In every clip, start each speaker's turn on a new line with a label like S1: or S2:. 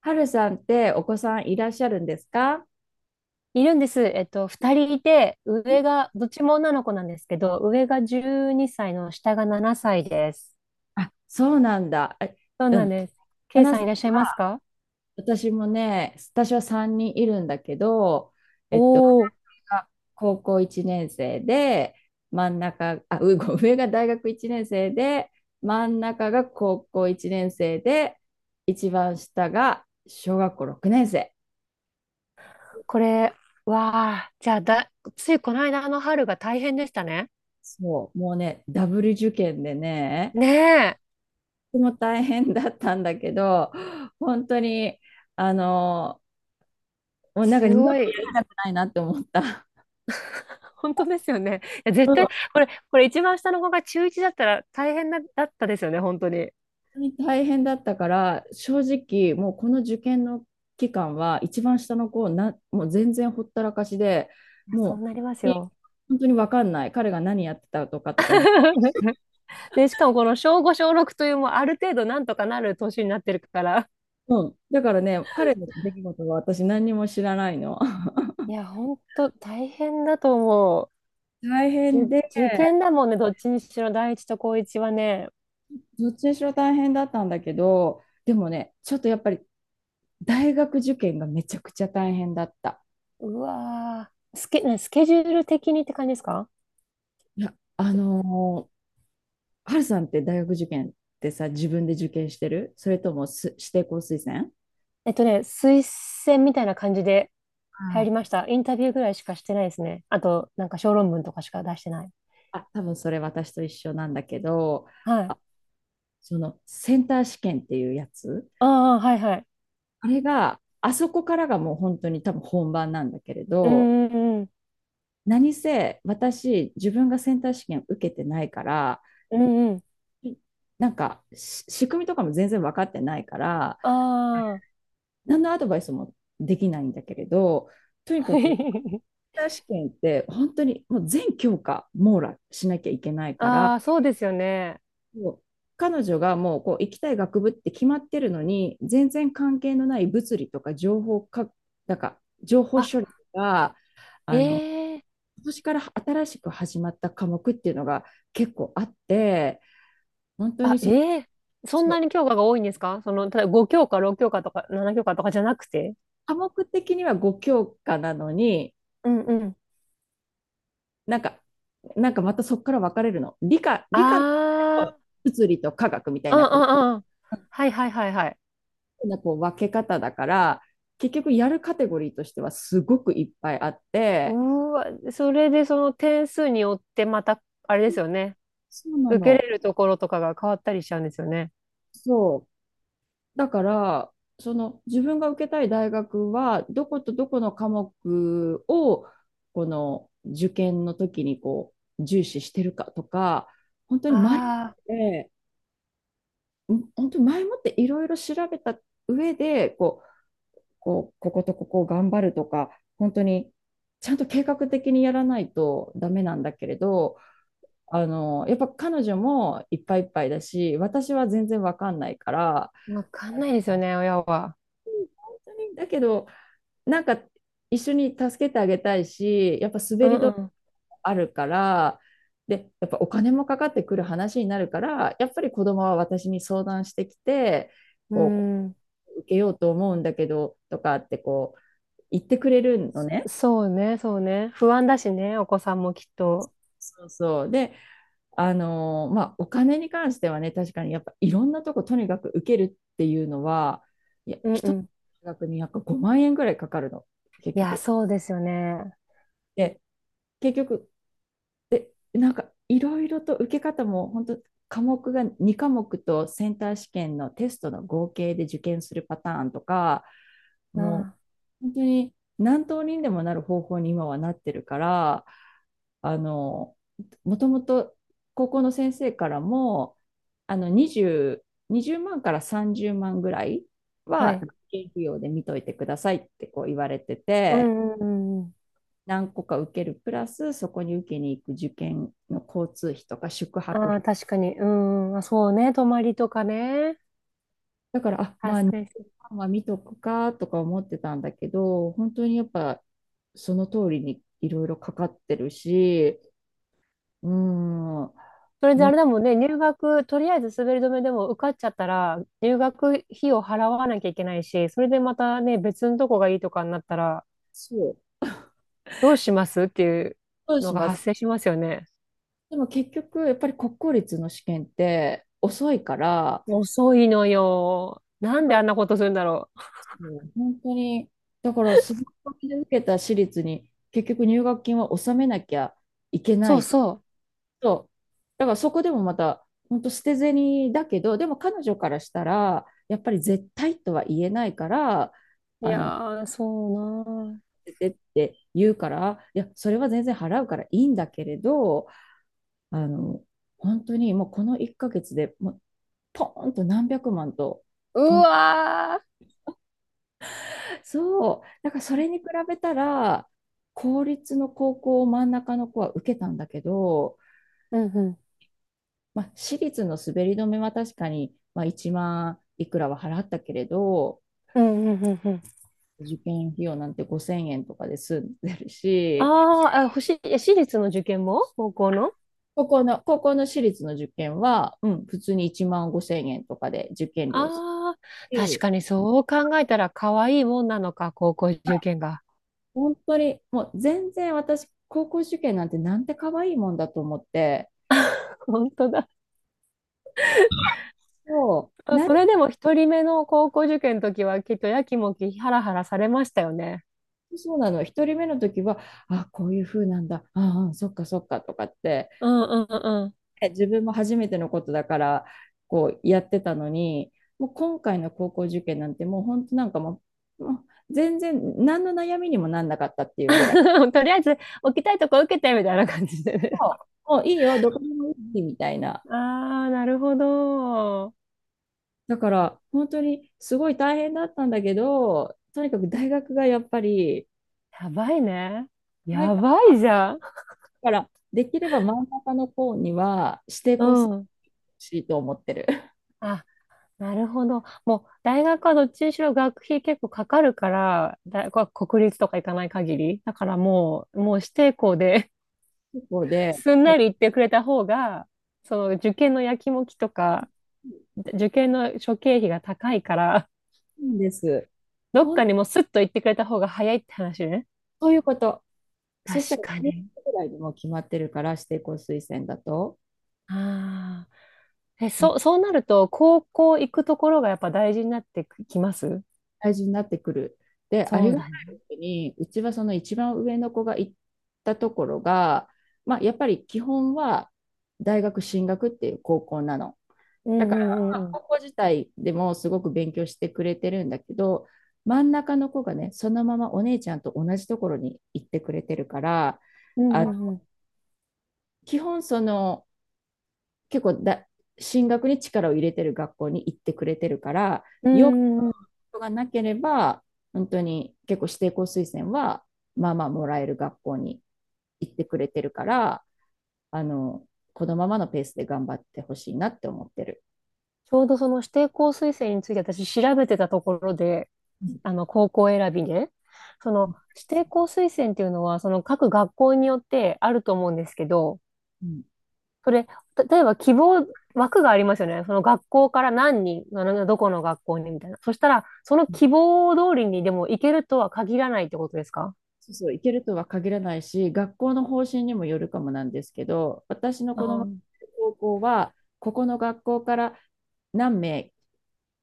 S1: はるさんってお子さんいらっしゃるんですか？
S2: いるんです。二人いて、上が、どっちも女の子なんですけど、上が12歳の下が7歳です。
S1: あ、そうなんだ。あ
S2: そう
S1: う
S2: なん
S1: ん。
S2: です。
S1: は
S2: ケイ
S1: な
S2: さん
S1: さ
S2: い
S1: ん、
S2: らっしゃいますか？
S1: 私もね、私は3人いるんだけど、
S2: お
S1: 上
S2: おー、
S1: が高校1年生で、真ん中、あ、うご上が大学1年生で、真ん中が高校1年生で、一番下が小学校6年生。
S2: これ、わあ、ついこの間の春が大変でしたね。
S1: そう、もうね、ダブル受験でね、
S2: ねえ、
S1: とても大変だったんだけど、本当に、あの、もうなんか
S2: す
S1: 二度
S2: ご
S1: と
S2: い。
S1: やりたくないなって思った。
S2: 本当ですよね。いや、
S1: う
S2: 絶
S1: ん。本
S2: 対、これ一番下の子が中1だったら大変だ、だったですよね、本当に。い
S1: 当に大変だったから、正直、もうこの受験の期間は、一番下の子な、もう全然ほったらかしで、
S2: や、そう
S1: も
S2: なります
S1: う、
S2: よ。
S1: 本当に分かんない。彼が何やってたとかとか、
S2: で、しかもこの小5、小6というもうある程度なんとかなる年になってるから、
S1: うん。だからね、彼の出来事は私何にも知らないの。
S2: いや、ほんと大変だと思
S1: 大
S2: う。
S1: 変で、
S2: 受験だもんね、どっちにしろ、第一と高一はね。
S1: どっちにしろ大変だったんだけど、でもね、ちょっとやっぱり大学受験がめちゃくちゃ大変だった。
S2: うわー、ねスケジュール的にって感じですか？
S1: いや、ー春さんって大学受験ってさ、自分で受験してるそれとも指定校推薦？
S2: ね、推薦みたいな感じで入り
S1: あ
S2: ました。インタビューぐらいしかしてないですね。あと、なんか小論文とかしか出してない。
S1: あ、多分それ私と一緒なんだけど、
S2: はい。
S1: あ、そのセンター試験っていうやつ、
S2: ああ、はいはい。
S1: あれが、あそこからがもう本当に多分本番なんだけれ
S2: う
S1: ど、
S2: んうんうん。
S1: 何せ私、自分がセンター試験受けてないから、
S2: うんうん。
S1: なんか仕組みとかも全然分かってないから、
S2: ああ。
S1: 何のアドバイスもできないんだけれど、とにかく、ター試験って本当にもう全教科網羅しなきゃいけないから、
S2: ああ、そうですよね。
S1: もう彼女がもうこう行きたい学部って決まってるのに、全然関係のない物理とか情報か、なんか情報処理
S2: あ、
S1: が、あの、
S2: ええ、
S1: 今年から新しく始まった科目っていうのが結構あって、本当
S2: あ、
S1: に
S2: ええ、そん
S1: そ
S2: な
S1: う、
S2: に教科が多いんですか？その、ただ5教科、6教科とか7教科とかじゃなくて。
S1: 科目的には5教科なのに、
S2: うんうん。
S1: なんか、なんかまたそこから分かれるの。理科、理
S2: あ
S1: 科の物理と科学みたい
S2: あ、うん
S1: なこ
S2: うんうん。はいはいはいはい。
S1: うなこう分け方だから、結局やるカテゴリーとしてはすごくいっぱいあっ
S2: うー
S1: て、
S2: わ、それでその点数によってまた、あれですよね。
S1: そうな
S2: 受け
S1: の。
S2: れるところとかが変わったりしちゃうんですよね。
S1: そう。だから、その自分が受けたい大学は、どことどこの科目を、この受験の時にこう重視してるかとか、本当に前
S2: あ
S1: もって、本当に前もっていろいろ調べた上で、こことここを頑張るとか、本当にちゃんと計画的にやらないとダメなんだけれど、やっぱ彼女もいっぱいいっぱいだし、私は全然わかんないから、
S2: あ、わかん
S1: あ
S2: ないですよ
S1: の
S2: ね、親は。
S1: 本当に、だけど、なんか一緒に助けてあげたいし、やっぱ
S2: う
S1: 滑り止め
S2: ん
S1: あるから、で、やっぱお金もかかってくる話になるから、やっぱり子供は私に相談してきて、
S2: う
S1: こ
S2: ん。うん。
S1: 受けようと思うんだけど、とかってこう、言ってくれるのね。
S2: そうね、そうね。不安だしね、お子さんもきっと。
S1: そうそう。で、まあ、お金に関してはね、確かにやっぱいろんなとことにかく受けるっていうのは、いや、
S2: うんう
S1: 一つの
S2: ん。
S1: 大学にやっぱ5万円ぐらいかかるの、
S2: い
S1: 結
S2: や、
S1: 局。
S2: そうですよね。
S1: で、結局、なんかいろいろと受け方も本当、科目が2科目とセンター試験のテストの合計で受験するパターンとか、も
S2: あ
S1: う本当に何通りにでもなる方法に今はなってるから、あのもともと高校の先生からもあの 20, 20万から30万ぐらい
S2: あ、は
S1: は
S2: い。
S1: 受験費用で見といてくださいってこう言われて
S2: う
S1: て、
S2: んうんうん。
S1: 何個か受けるプラス、そこに受けに行く受験の交通費とか宿泊
S2: ああ、
S1: 費。
S2: 確かに。うん。あ、そうね。泊まりとかね。
S1: だから、まあ
S2: 発生する。
S1: 2万は見とくかとか思ってたんだけど、本当にやっぱその通りにいろいろかかってるし、うーん、も
S2: それであ
S1: う、
S2: れだもんね。入学、とりあえず滑り止めでも受かっちゃったら、入学費を払わなきゃいけないし、それでまたね、別のとこがいいとかになったら、
S1: そう、
S2: どうしますっていう
S1: どう
S2: の
S1: し
S2: が
S1: ます。
S2: 発生しますよね。
S1: でも結局やっぱり国公立の試験って遅いから、
S2: 遅いのよ。な
S1: だ
S2: ん
S1: か
S2: で
S1: ら
S2: あんなことするんだろう。
S1: もう本当に、だからすごいで受けた私立に結局入学金は納めなきゃいけな
S2: そう
S1: い。
S2: そ
S1: そう。だからそこでもまた、本当捨て銭だけど、でも彼女からしたら、やっぱり絶対とは言えないから、
S2: う。いや
S1: 捨
S2: ー、そうなー。
S1: ててって言うから、いや、それは全然払うからいいんだけれど、あの、本当にもうこの1ヶ月でもう、ポーンと何百万と、
S2: う
S1: とん、
S2: わー。
S1: そう。だからそれに比べたら、公立の高校を真ん中の子は受けたんだけど、
S2: うんうん。
S1: まあ、私立の滑り止めは確かに、まあ、1万いくらは払ったけれど、
S2: うんうんうんうん。
S1: 受験費用なんて5000円とかで済んでる
S2: あ
S1: し、
S2: ーあ、欲しい、私立の受験も高校の。
S1: 高校の私立の受験は、うん、普通に1万5000円とかで受験料す
S2: ああ、
S1: る
S2: 確
S1: し、
S2: かにそう考えたら可愛いもんなのか、高校受験が。
S1: 本当にもう全然私、高校受験なんてなんて可愛いもんだと思って、
S2: 本当だ。
S1: そう、
S2: それでも一人目の高校受験の時はきっとやきもきハラハラされましたよね。
S1: そうなの、一人目の時は、あ、こういう風なんだ、ああ、そっかそっかとかって、
S2: うんうんうんうん。
S1: ね、自分も初めてのことだからこうやってたのに、もう今回の高校受験なんてもう本当、なんかもう全然何の悩みにもなんなかったっていうぐらい、
S2: とりあえず置きたいとこ受けてみたいな感じでね。
S1: もういいよどこでもいいみたいな。
S2: ああ、なるほど。
S1: だから本当にすごい大変だったんだけど、とにかく大学がやっぱり
S2: やばいね。
S1: 前
S2: や
S1: か
S2: ばいじゃん。
S1: ら、できれば真ん中の方には指定
S2: う
S1: 校する
S2: ん。
S1: しいと思ってる。
S2: あ、なるほど。もう、大学はどっちにしろ学費結構かかるから、大学は国立とか行かない限り。だからもう指定校で、
S1: そこ で、
S2: すん
S1: そ
S2: なり行ってくれた方が、その受験のやきもきとか、受験の諸経費が高いから、
S1: うです。
S2: どっか
S1: 本
S2: にもうスッと行ってくれた方が早いって話ね。
S1: 当いうこと。そした
S2: 確
S1: ら
S2: か
S1: 10
S2: に。
S1: 月ぐらいでもう決まってるから、指定校推薦だと、
S2: ああ。え、
S1: もう
S2: そう、そうなると、高校行くところがやっぱ大事になってきます
S1: 大事になってくる。で、あ
S2: そ
S1: り
S2: う
S1: がた
S2: だ
S1: い
S2: ね。
S1: ことに、うちはその一番上の子が行ったところが、まあ、やっぱり基本は大学進学っていう高校なの。
S2: う
S1: だ
S2: ん
S1: か
S2: う
S1: ら、
S2: んう
S1: ま
S2: ん
S1: あ、
S2: うん。
S1: 高校自体でもすごく勉強してくれてるんだけど、真ん中の子がね、そのままお姉ちゃんと同じところに行ってくれてるから、
S2: うん
S1: あ
S2: うんうん。
S1: 基本その、結構だ進学に力を入れてる学校に行ってくれてるから、
S2: うん
S1: よっ
S2: うんうん。
S1: ぽどがなければ、本当に結構指定校推薦は、まあまあもらえる学校に行ってくれてるから、あの、このままのペースで頑張ってほしいなって思ってる。
S2: ちょうどその指定校推薦について私調べてたところで、
S1: うん
S2: あの、高校選びで、そ
S1: う
S2: の
S1: ん
S2: 指定校推薦っていうのは、その各学校によってあると思うんですけど、
S1: うん、
S2: それ、例えば希望、枠がありますよね。その学校から何人、あのどこの学校にみたいな。そしたら、その希望通りにでも行けるとは限らないってことですか？
S1: そうそう、行けるとは限らないし、学校の方針にもよるかもなんですけど、私の
S2: あ
S1: 子供の
S2: ー、
S1: 高校は、ここの学校から何名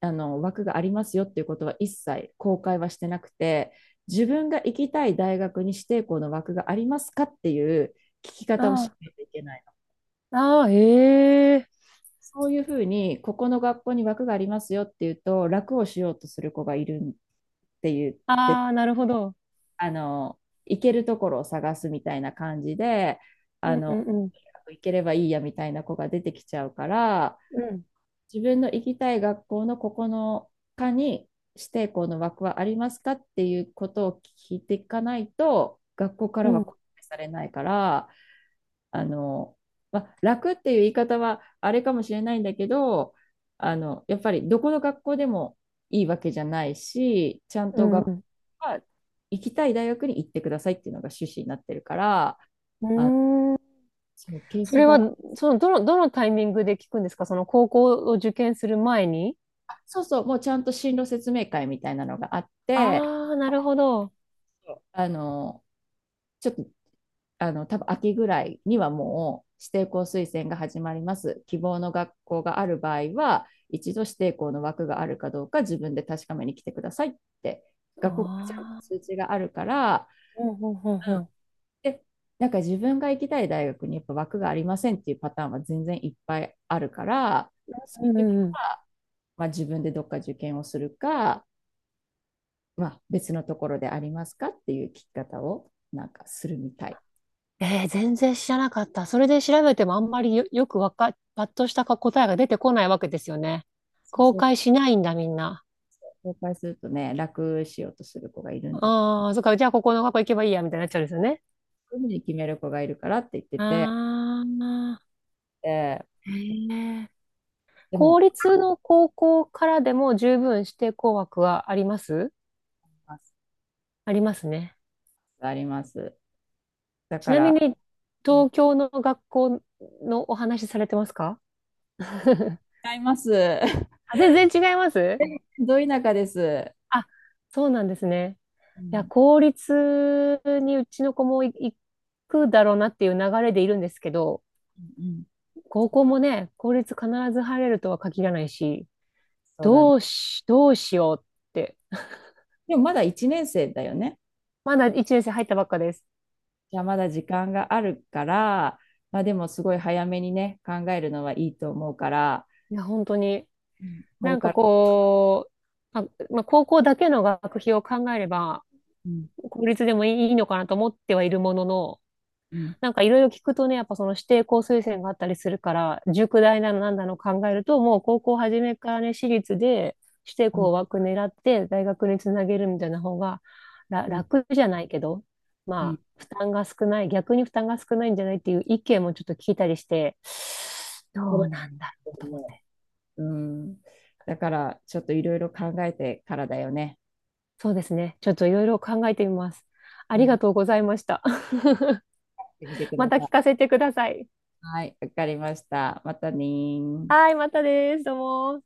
S1: 枠がありますよっていうことは一切公開はしてなくて、自分が行きたい大学に指定校の枠がありますかっていう聞き方をし
S2: あ
S1: ないといけない。
S2: ー、ああ、へえ。
S1: そういうふうに、ここの学校に枠がありますよっていうと楽をしようとする子がいるって言って、
S2: ああ、なるほど。
S1: あの行けるところを探すみたいな感じで、
S2: う
S1: あ
S2: んう
S1: の
S2: んうん。
S1: 行ければいいやみたいな子が出てきちゃうから、
S2: うん
S1: 自分の行きたい学校のここの科に指定校の枠はありますかっていうことを聞いていかないと学校か
S2: う
S1: らは
S2: ん
S1: 公開されないから、あの、まあ、楽っていう言い方はあれかもしれないんだけど、やっぱりどこの学校でもいいわけじゃないし、ちゃん
S2: う
S1: と
S2: んう
S1: 学校
S2: ん。
S1: は、行きたい大学に行ってくださいっていうのが趣旨になってるから、
S2: うー
S1: あ
S2: ん。
S1: そう、ケー
S2: そ
S1: ス
S2: れ
S1: バ
S2: は、その、どのタイミングで聞くんですか？その高校を受験する前に。
S1: そうそう、もうちゃんと進路説明会みたいなのがあって、
S2: ああー、なるほど。
S1: あのちょっと、多分秋ぐらいにはもう指定校推薦が始まります。希望の学校がある場合は、一度指定校の枠があるかどうか自分で確かめに来てくださいって、学校からちゃんと
S2: ああ、
S1: 通知があるから、
S2: うんうんう
S1: う
S2: ん
S1: ん、
S2: う
S1: で、なんか自分が行きたい大学にやっぱ枠がありませんっていうパターンは全然いっぱいあるから、そ
S2: ん。う
S1: ういう時
S2: んう
S1: は
S2: ん。
S1: まあ自分でどっか受験をするか、まあ、別のところでありますかっていう聞き方をなんかするみたい。
S2: えー、全然知らなかった。それで調べてもあんまりよ、よくわか、パッとしたか答えが出てこないわけですよね。
S1: そう
S2: 公
S1: そう、
S2: 開しないんだ、みんな。
S1: 公開するとね、楽しようとする子がいるんだ。そ
S2: ああ、そっか、じゃあここの学校行けばいいや、みたいになっちゃうんですよね。
S1: ういうふうに決める子がいるからって言ってて、
S2: ああ、
S1: えー
S2: へえ。
S1: で
S2: 公
S1: も、
S2: 立の高校からでも十分指定校枠はあります。
S1: あります。
S2: ありますね。
S1: あります、だ
S2: ち
S1: か
S2: なみ
S1: ら、
S2: に、東京の学校のお話されてますか？ あ、
S1: 違います。
S2: 全然違います。
S1: ど田舎です。
S2: あ、そうなんですね。
S1: う
S2: いや、
S1: ん
S2: 公立にうちの子も行くだろうなっていう流れでいるんですけど、
S1: うんうん、
S2: 高校もね、公立必ず入れるとは限らないし、
S1: そうだね。
S2: どうしようって、
S1: でもまだ1年生だよね。
S2: まだ1年生入ったばっかです。
S1: じゃあまだ時間があるから、まあでもすごい早めにね、考えるのはいいと思うから、
S2: いや、本当に。
S1: うんこ
S2: な
S1: れ
S2: んか
S1: から、
S2: こう、あ、まあ、高校だけの学費を考えれば、
S1: うん
S2: 公立でもいいのかなと思ってはいるものの、
S1: うん
S2: なんかいろいろ聞くとね、やっぱその指定校推薦があったりするから、塾代なのなんだの考えると、もう高校初めからね、私立で指定
S1: うん
S2: 校枠狙って大学につなげるみたいな方がら
S1: うん
S2: 楽じゃないけど、
S1: う
S2: まあ、
S1: ん、
S2: 負担が少ない、逆に負担が少ないんじゃないっていう意見もちょっと聞いたりして、
S1: そ
S2: どう
S1: れ
S2: なんだろうと思って。
S1: うん。だから、ちょっといろいろ考えてからだよね。
S2: そうですね。ちょっといろいろ考えてみます。あ
S1: う
S2: り
S1: ん。
S2: がとうございました。
S1: やってみてく だ
S2: また
S1: さ
S2: 聞
S1: い。
S2: かせてください。
S1: はい、わかりました。またねー。
S2: はい、またです。どうも。